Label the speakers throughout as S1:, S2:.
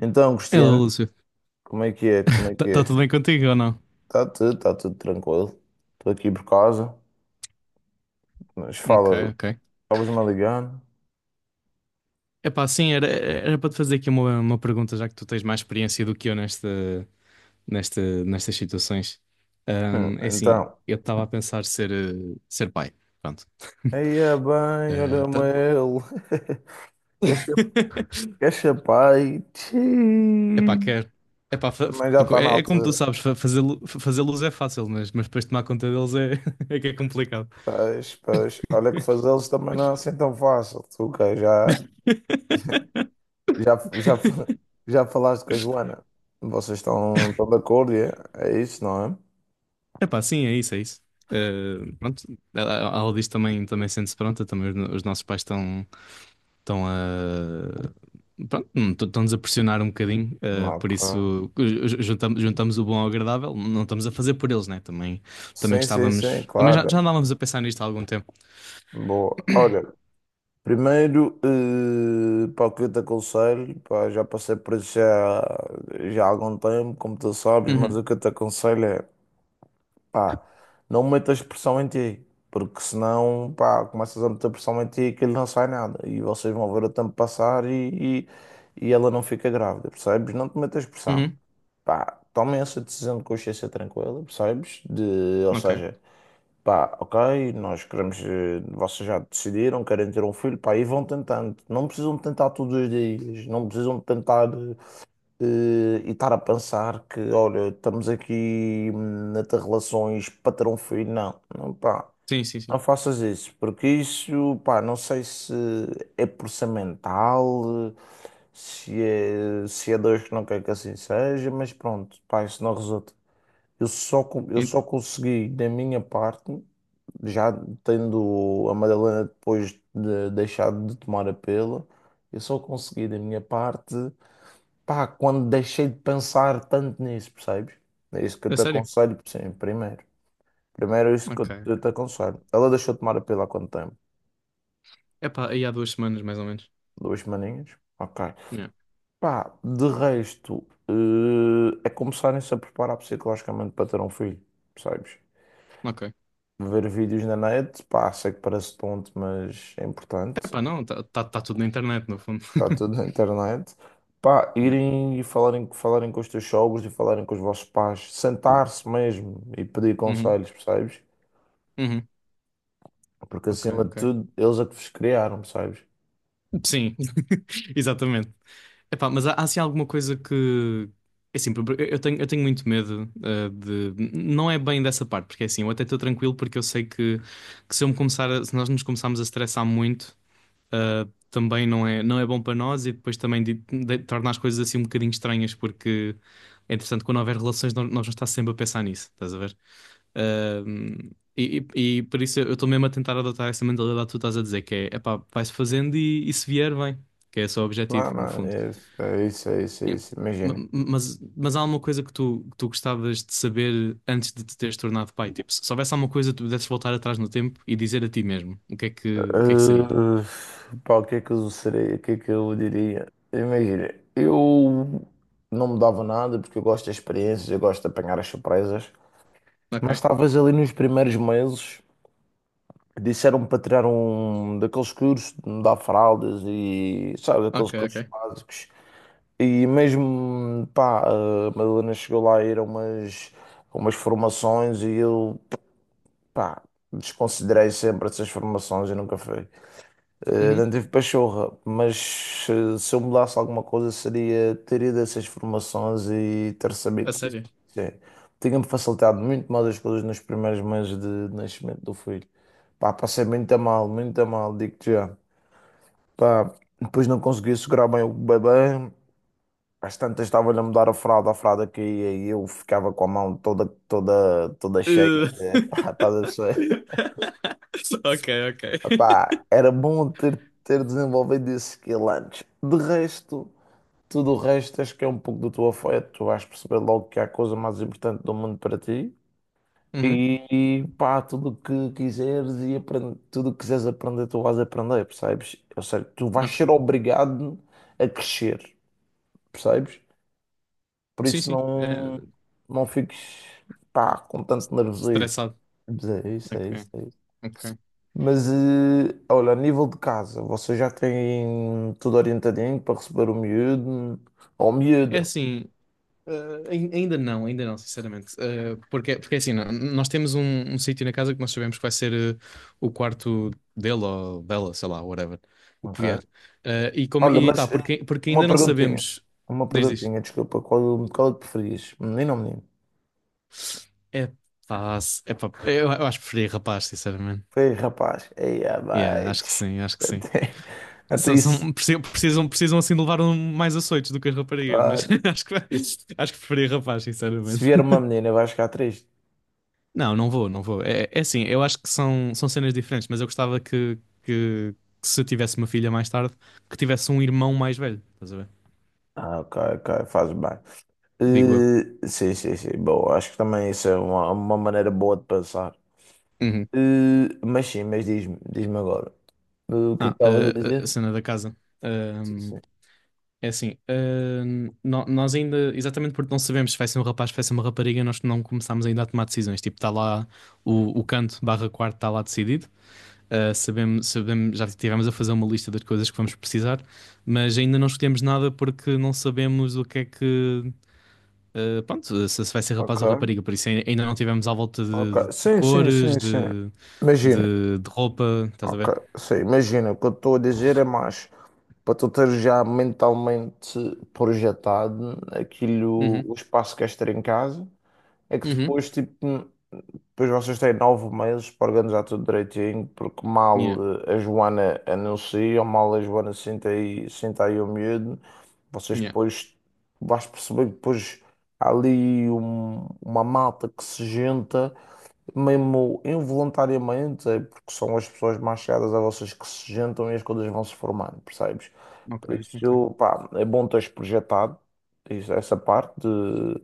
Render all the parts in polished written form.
S1: Então,
S2: Hello,
S1: Cristiano,
S2: Lúcio.
S1: como é que é? Como é que
S2: Está
S1: é?
S2: tudo bem contigo ou não?
S1: Está tudo tranquilo. Estou aqui por casa, mas
S2: Ok,
S1: fala,
S2: ok.
S1: estavas-me a ligar?
S2: Epá, sim, era para te fazer aqui uma pergunta, já que tu tens mais experiência do que eu nestas situações. É assim,
S1: Então,
S2: eu estava a pensar ser pai. Pronto.
S1: aí é bem,
S2: Eh,
S1: olha-me
S2: tá-
S1: ele. Quer cha- quer chapai?
S2: Epá,
S1: Tchiii.
S2: quer. Epá,
S1: Também já está na
S2: é como tu
S1: altura.
S2: sabes, fazer luz é fácil, mas depois tomar conta deles é, é que é complicado.
S1: Pois, pois, olha que fazê-los também não é assim tão fácil. Tu que já, já, fa- já falaste com a Joana. Vocês estão de acordo, é? É isso, não é?
S2: Epá, sim, é isso, é isso. Pronto, a Aldiz também sente-se pronta, também os, os nossos pais estão estão a pronto, estão-nos a pressionar um bocadinho,
S1: Não,
S2: por
S1: claro.
S2: isso juntamos o bom ao agradável, não estamos a fazer por eles, né? Também
S1: Sim, sim, sim,
S2: gostávamos, também já
S1: claro.
S2: andávamos a pensar nisto há algum tempo.
S1: Boa. Olha, primeiro, pá, o que eu te aconselho, pá, já passei por isso já, já há algum tempo, como tu sabes, mas o
S2: Uhum,
S1: que eu te aconselho é, pá, não metas pressão em ti, porque senão, pá, começas a meter pressão em ti e aquilo não sai nada, e vocês vão ver o tempo passar e, e ela não fica grávida, percebes? Não te metas pressão,
S2: uhum,
S1: pá, tomem essa decisão de consciência tranquila, percebes? Ou
S2: ok.
S1: seja... Pá, ok, nós queremos. Vocês já decidiram, querem ter um filho, pá, e vão tentando. Não precisam de tentar todos os dias, não precisam de tentar eh, e estar a pensar que, olha, estamos aqui a ter relações para ter um filho. Não, não, pá,
S2: Sim, sim, sim.
S1: não faças isso, porque isso, pá, não sei se é por ser mental, se é Deus que não quer que assim seja, mas pronto, pá, isso não resulta. Eu só, con- eu
S2: E-
S1: só consegui, da minha parte já tendo a Madalena depois de deixado de tomar a pílula, eu só consegui da minha parte, pá, quando deixei de pensar tanto nisso, percebes? É isso que eu
S2: a
S1: te
S2: sério?
S1: aconselho, sim, primeiro. Primeiro é isso que eu
S2: Ok.
S1: eu te aconselho. Ela deixou de tomar a pílula há quanto tempo?
S2: Epá, aí há 2 semanas mais ou menos.
S1: 2 semaninhas? Ok.
S2: Yeah.
S1: Pá, de resto, é começarem-se a preparar psicologicamente para ter um filho, percebes?
S2: Ok.
S1: Ver vídeos na net, pá, sei que parece tonto, mas é importante.
S2: Epá, não, tá tudo na internet, no fundo.
S1: Está tudo na internet. Pá,
S2: Yeah.
S1: irem e falarem com os teus sogros e falarem com os vossos pais, sentar-se mesmo e pedir
S2: Uhum,
S1: conselhos, percebes?
S2: uhum.
S1: Porque
S2: Ok,
S1: acima de
S2: ok.
S1: tudo, eles é que vos criaram, percebes?
S2: Sim, exatamente. Epá, mas há assim alguma coisa que. É assim, eu tenho muito medo de. Não é bem dessa parte, porque é assim, eu até estou tranquilo porque eu sei que se eu me começar se nós nos começarmos a estressar muito, também não é bom para nós e depois também torna as coisas assim um bocadinho estranhas, porque é interessante quando houver relações, nós vamos estar sempre a pensar nisso, estás a ver? Um, e por isso eu estou mesmo a tentar adotar essa mentalidade que tu estás a dizer, que é, epá, vai-se fazendo e se vier, vem. Que é esse o objetivo,
S1: Não,
S2: no
S1: não,
S2: fundo.
S1: é, isso, é isso, é isso, é
S2: Yeah.
S1: isso,
S2: Ma-
S1: imagina.
S2: Mas, mas há alguma coisa que tu gostavas de saber antes de te teres tornado pai? Tipo, se houvesse alguma coisa que tu pudesses voltar atrás no tempo e dizer a ti mesmo, o que é que seria?
S1: Uh, pá, o que é que eu seria, o que é que eu diria? Imagina, eu não mudava nada porque eu gosto de experiências, eu gosto de apanhar as surpresas,
S2: Ok,
S1: mas talvez ali nos primeiros meses. Disseram-me para tirar um daqueles cursos de mudar fraldas e, sabe, daqueles
S2: ok,
S1: cursos
S2: ok.
S1: básicos. E mesmo, pá, a Madalena chegou lá a ir a umas formações e eu, pá, desconsiderei sempre essas formações e nunca fui. Não
S2: Uhum.
S1: tive pachorra, mas se eu mudasse alguma coisa seria ter ido a essas formações e ter sabido.
S2: A sério?
S1: Sim, tinha-me facilitado muito mais as coisas nos primeiros meses de nascimento do filho. Pá, passei muito a mal, digo-te já. Pá, depois não conseguia segurar bem o bebê. Às tantas estava-lhe a mudar a fralda caía e eu ficava com a mão toda, toda, toda cheia
S2: Uh.
S1: de... Pá, estás a perceber?
S2: Ok, ok.
S1: Epá, era bom ter desenvolvido esse skill antes. De resto, tudo o resto acho que é um pouco do teu afeto. Tu vais perceber logo que há a coisa mais importante do mundo para ti.
S2: Uhum.
S1: E, e pá, tudo o que quiseres aprender, tu vais aprender, percebes? Ou seja, tu vais
S2: Ok.
S1: ser obrigado a crescer, percebes? Por
S2: Sim,
S1: isso
S2: sim. É,
S1: não, não fiques, pá, com tanto nervosismo.
S2: estressado.
S1: Mas é isso, é
S2: Ok.
S1: isso, é isso.
S2: Ok.
S1: Mas, olha, a nível de casa, vocês já têm tudo orientadinho para receber o miúdo ou
S2: É
S1: miúda,
S2: assim, ainda não, sinceramente. Porque é assim, nós temos um sítio na casa que nós sabemos que vai ser o quarto dele ou dela, sei lá, whatever, o que
S1: ok?
S2: vier. E como,
S1: Olha,
S2: e tá,
S1: mas
S2: porque
S1: uma
S2: ainda não
S1: perguntinha,
S2: sabemos.
S1: uma
S2: Diz, diz.
S1: perguntinha, desculpa, qual é que preferias, menino ou menino?
S2: É pá, é pá, eu acho que preferia rapaz, sinceramente.
S1: Ei, rapaz, ei, ah,
S2: Yeah, acho
S1: mate.
S2: que sim, acho que sim.
S1: até, até
S2: São,
S1: isso,
S2: são- precisam, precisam, precisam assim de levar mais açoites do que as raparigas, mas
S1: claro,
S2: acho que,
S1: isso-
S2: acho que preferia rapaz,
S1: se
S2: sinceramente.
S1: vier uma menina vais ficar triste.
S2: Não, não vou, não vou. É assim, eu acho que são cenas diferentes, mas eu gostava que, que se eu tivesse uma filha mais tarde, que tivesse um irmão mais velho, estás a ver?
S1: Ah, ok, ok, faz bem.
S2: Digo eu.
S1: Sim, sim, sim, bom, acho que também isso é uma maneira boa de pensar.
S2: Uhum.
S1: Mas sim, mas diz-me agora. O que é que
S2: Ah,
S1: estavas a
S2: a
S1: dizer?
S2: cena da casa.
S1: Sim,
S2: Ahm,
S1: sim.
S2: É assim, nós ainda, exatamente porque não sabemos se vai ser um rapaz, se vai ser uma rapariga, nós não começámos ainda a tomar decisões. Tipo, está lá o, o canto barra quarto, está lá decidido. Ah, sabemos, sabemos, já tivemos a fazer uma lista das coisas que vamos precisar mas ainda não escolhemos nada porque não sabemos o que é que pronto, se vai ser
S1: Ok,
S2: rapaz ou rapariga, por isso ainda não tivemos à volta de,
S1: ok.
S2: de
S1: Sim, sim,
S2: cores,
S1: sim, sim.
S2: de,
S1: Imagina.
S2: de, de roupa, estás a ver?
S1: Ok, sim, imagina. O que eu estou a dizer é mais para tu ter já mentalmente projetado aquilo,
S2: Uhum,
S1: o espaço que queres ter em casa, é que
S2: uhum,
S1: depois, tipo. Depois vocês têm 9 meses para organizar tudo direitinho, porque mal
S2: yeah,
S1: a Joana anuncia, ou mal a Joana senta aí o medo vocês
S2: yeah,
S1: depois vais perceber que depois há ali uma malta que se junta mesmo involuntariamente, é porque são as pessoas mais chegadas a vocês que se juntam e as coisas vão se formando, percebes?
S2: ok,
S1: Por
S2: ok.
S1: isso, pá, é bom teres projetado essa parte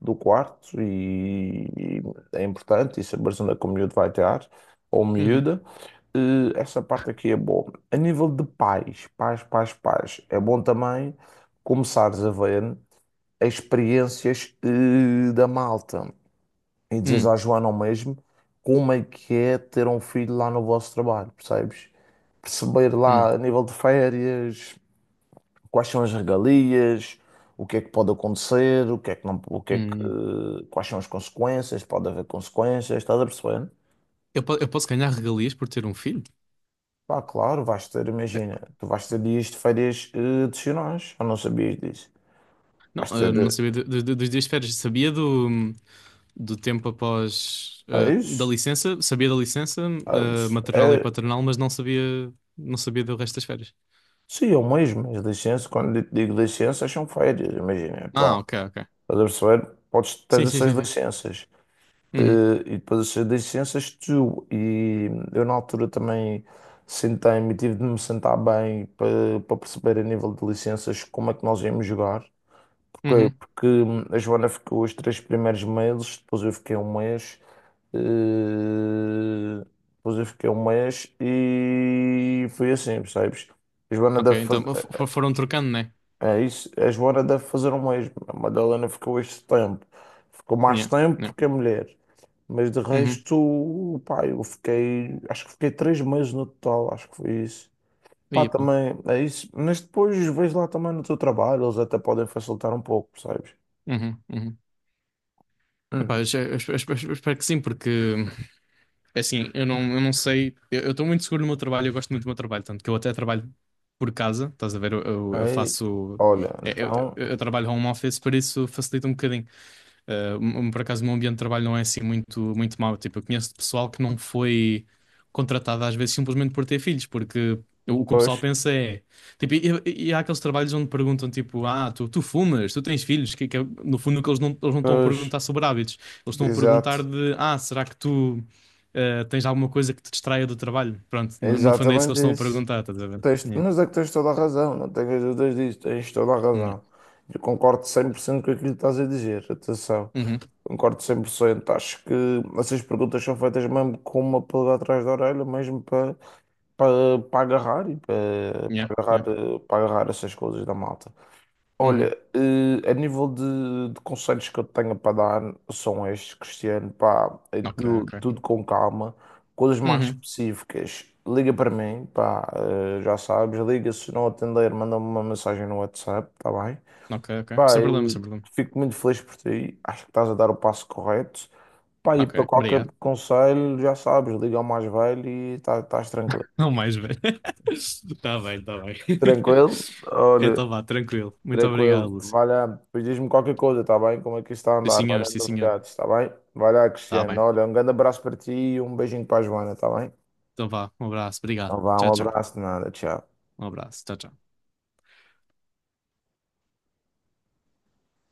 S1: do quarto e é importante e saberes onde é que o miúdo vai estar, ou
S2: Uhum,
S1: miúda. Essa parte aqui é boa. A nível de pais, é bom também começares a ver as experiências da malta e dizes
S2: hum,
S1: à Joana ao mesmo como é que é ter um filho lá no vosso trabalho, percebes? Perceber
S2: hum,
S1: lá a nível de férias, quais são as regalias, o que é que pode acontecer, o que é que não, o que é que,
S2: hum.
S1: eh, quais são as consequências, pode haver consequências, estás a perceber?
S2: Eu posso ganhar regalias por ter um filho?
S1: Pá, claro, vais ter,
S2: É.
S1: imagina, tu vais ter dias de férias adicionais, eu não sabias disso.
S2: Não,
S1: Vais ter,
S2: não sabia dos dias de férias, sabia do tempo após,
S1: é
S2: da
S1: isso?
S2: licença, sabia da licença,
S1: É, isso.
S2: maternal e
S1: É-
S2: paternal, mas não sabia do resto das férias.
S1: sim, eu mesmo, as licenças, quando eu digo licenças, são férias, imagina, pá.
S2: Ah, ok, ok.
S1: Estás a perceber? Podes, tens
S2: Sim, sim,
S1: essas
S2: sim, sim.
S1: licenças.
S2: Uhum,
S1: E depois essas licenças tu. E eu na altura também sentei-me, tive de me sentar bem para, perceber a nível de licenças como é que nós íamos jogar. porque
S2: uhum.
S1: Porque a Joana ficou os 3 primeiros meses, depois eu fiquei um mês. eh, depois eu fiquei um mês e foi assim, percebes? A Joana
S2: Ok,
S1: deve, faz-
S2: então foram trocando, né?
S1: é isso, a Joana deve fazer o mesmo. A Madalena ficou este tempo. Ficou mais
S2: Yeah,
S1: tempo
S2: yeah.
S1: porque é mulher. Mas de
S2: Uhum.
S1: resto, pá, eu fiquei. Acho que fiquei 3 meses no total, acho que foi isso. Pá,
S2: Aí, pá.
S1: também é isso. Mas depois vejo lá também no teu trabalho, eles até podem facilitar um pouco, percebes?
S2: Uhum, uhum. Epá,
S1: Hum.
S2: eu, já- eu espe- eu espero que sim, porque é assim, eu não sei, eu estou muito seguro no meu trabalho, eu gosto muito do meu trabalho, tanto que eu até trabalho por casa, estás a ver? Eu
S1: Aí,
S2: faço,
S1: olha,
S2: é, eu,
S1: então,
S2: eu- eu trabalho home office, por isso facilita um bocadinho. Por acaso, o meu ambiente de trabalho não é assim muito, muito mau. Tipo, eu conheço pessoal que não foi contratado às vezes simplesmente por ter filhos, porque o que o pessoal
S1: pois,
S2: pensa é. Tipo, e há aqueles trabalhos onde perguntam, tipo, ah, tu fumas, tu tens filhos, que é, no fundo, que eles não estão a
S1: pois,
S2: perguntar sobre hábitos, eles estão a perguntar
S1: exato,
S2: de, ah, será que tu. Tens alguma coisa que te distraia do trabalho? Pronto, no fundo é isso que
S1: exatamente
S2: eles estão a
S1: isso.
S2: perguntar, estás a ver?
S1: Tens,
S2: Yeah.
S1: mas é que tens toda a razão, não tenhas dúvidas disso, tens toda a
S2: Yeah.
S1: razão. Eu concordo 100% com aquilo que estás a dizer, atenção,
S2: Uhum.
S1: concordo 100%. Acho que essas perguntas são feitas mesmo com uma pulga atrás da orelha, mesmo para agarrar e para para
S2: Yeah. Yeah.
S1: agarrar, eh, para agarrar essas coisas da malta.
S2: Uhum.
S1: Olha, a nível de conselhos que eu tenho para dar são estes, Cristiano, pá, é
S2: Ok,
S1: tudo,
S2: ok.
S1: tudo com calma, coisas mais
S2: Uhum.
S1: específicas, liga para mim, pá, já sabes, liga, se não atender, manda-me uma mensagem no WhatsApp, tá bem?
S2: Ok, ok.
S1: Pá,
S2: Sem problema,
S1: eu
S2: sem problema.
S1: fico muito feliz por ti, acho que estás a dar o passo correto, pá, e
S2: Ok,
S1: para qualquer
S2: obrigado.
S1: conselho, já sabes, liga ao mais velho e estás tranquilo.
S2: Não mais, velho. Está bem, está bem.
S1: Tranquilo? Olha,
S2: Então vá, tranquilo. Muito obrigado,
S1: tranquilo,
S2: Lúcio.
S1: vai lá, depois diz-me qualquer coisa, tá bem? Como é que isto está a
S2: Sim,
S1: andar? Vai
S2: senhor,
S1: dando
S2: sim, senhor.
S1: novidades, tá bem? Vai lá,
S2: Está
S1: Cristiano.
S2: bem.
S1: Olha, um grande abraço para ti e um beijinho para a Joana, tá bem?
S2: Então vá, um abraço, obrigado.
S1: Então vá,
S2: Tchau,
S1: um
S2: tchau.
S1: abraço de nada, tchau.
S2: Um abraço, tchau, tchau.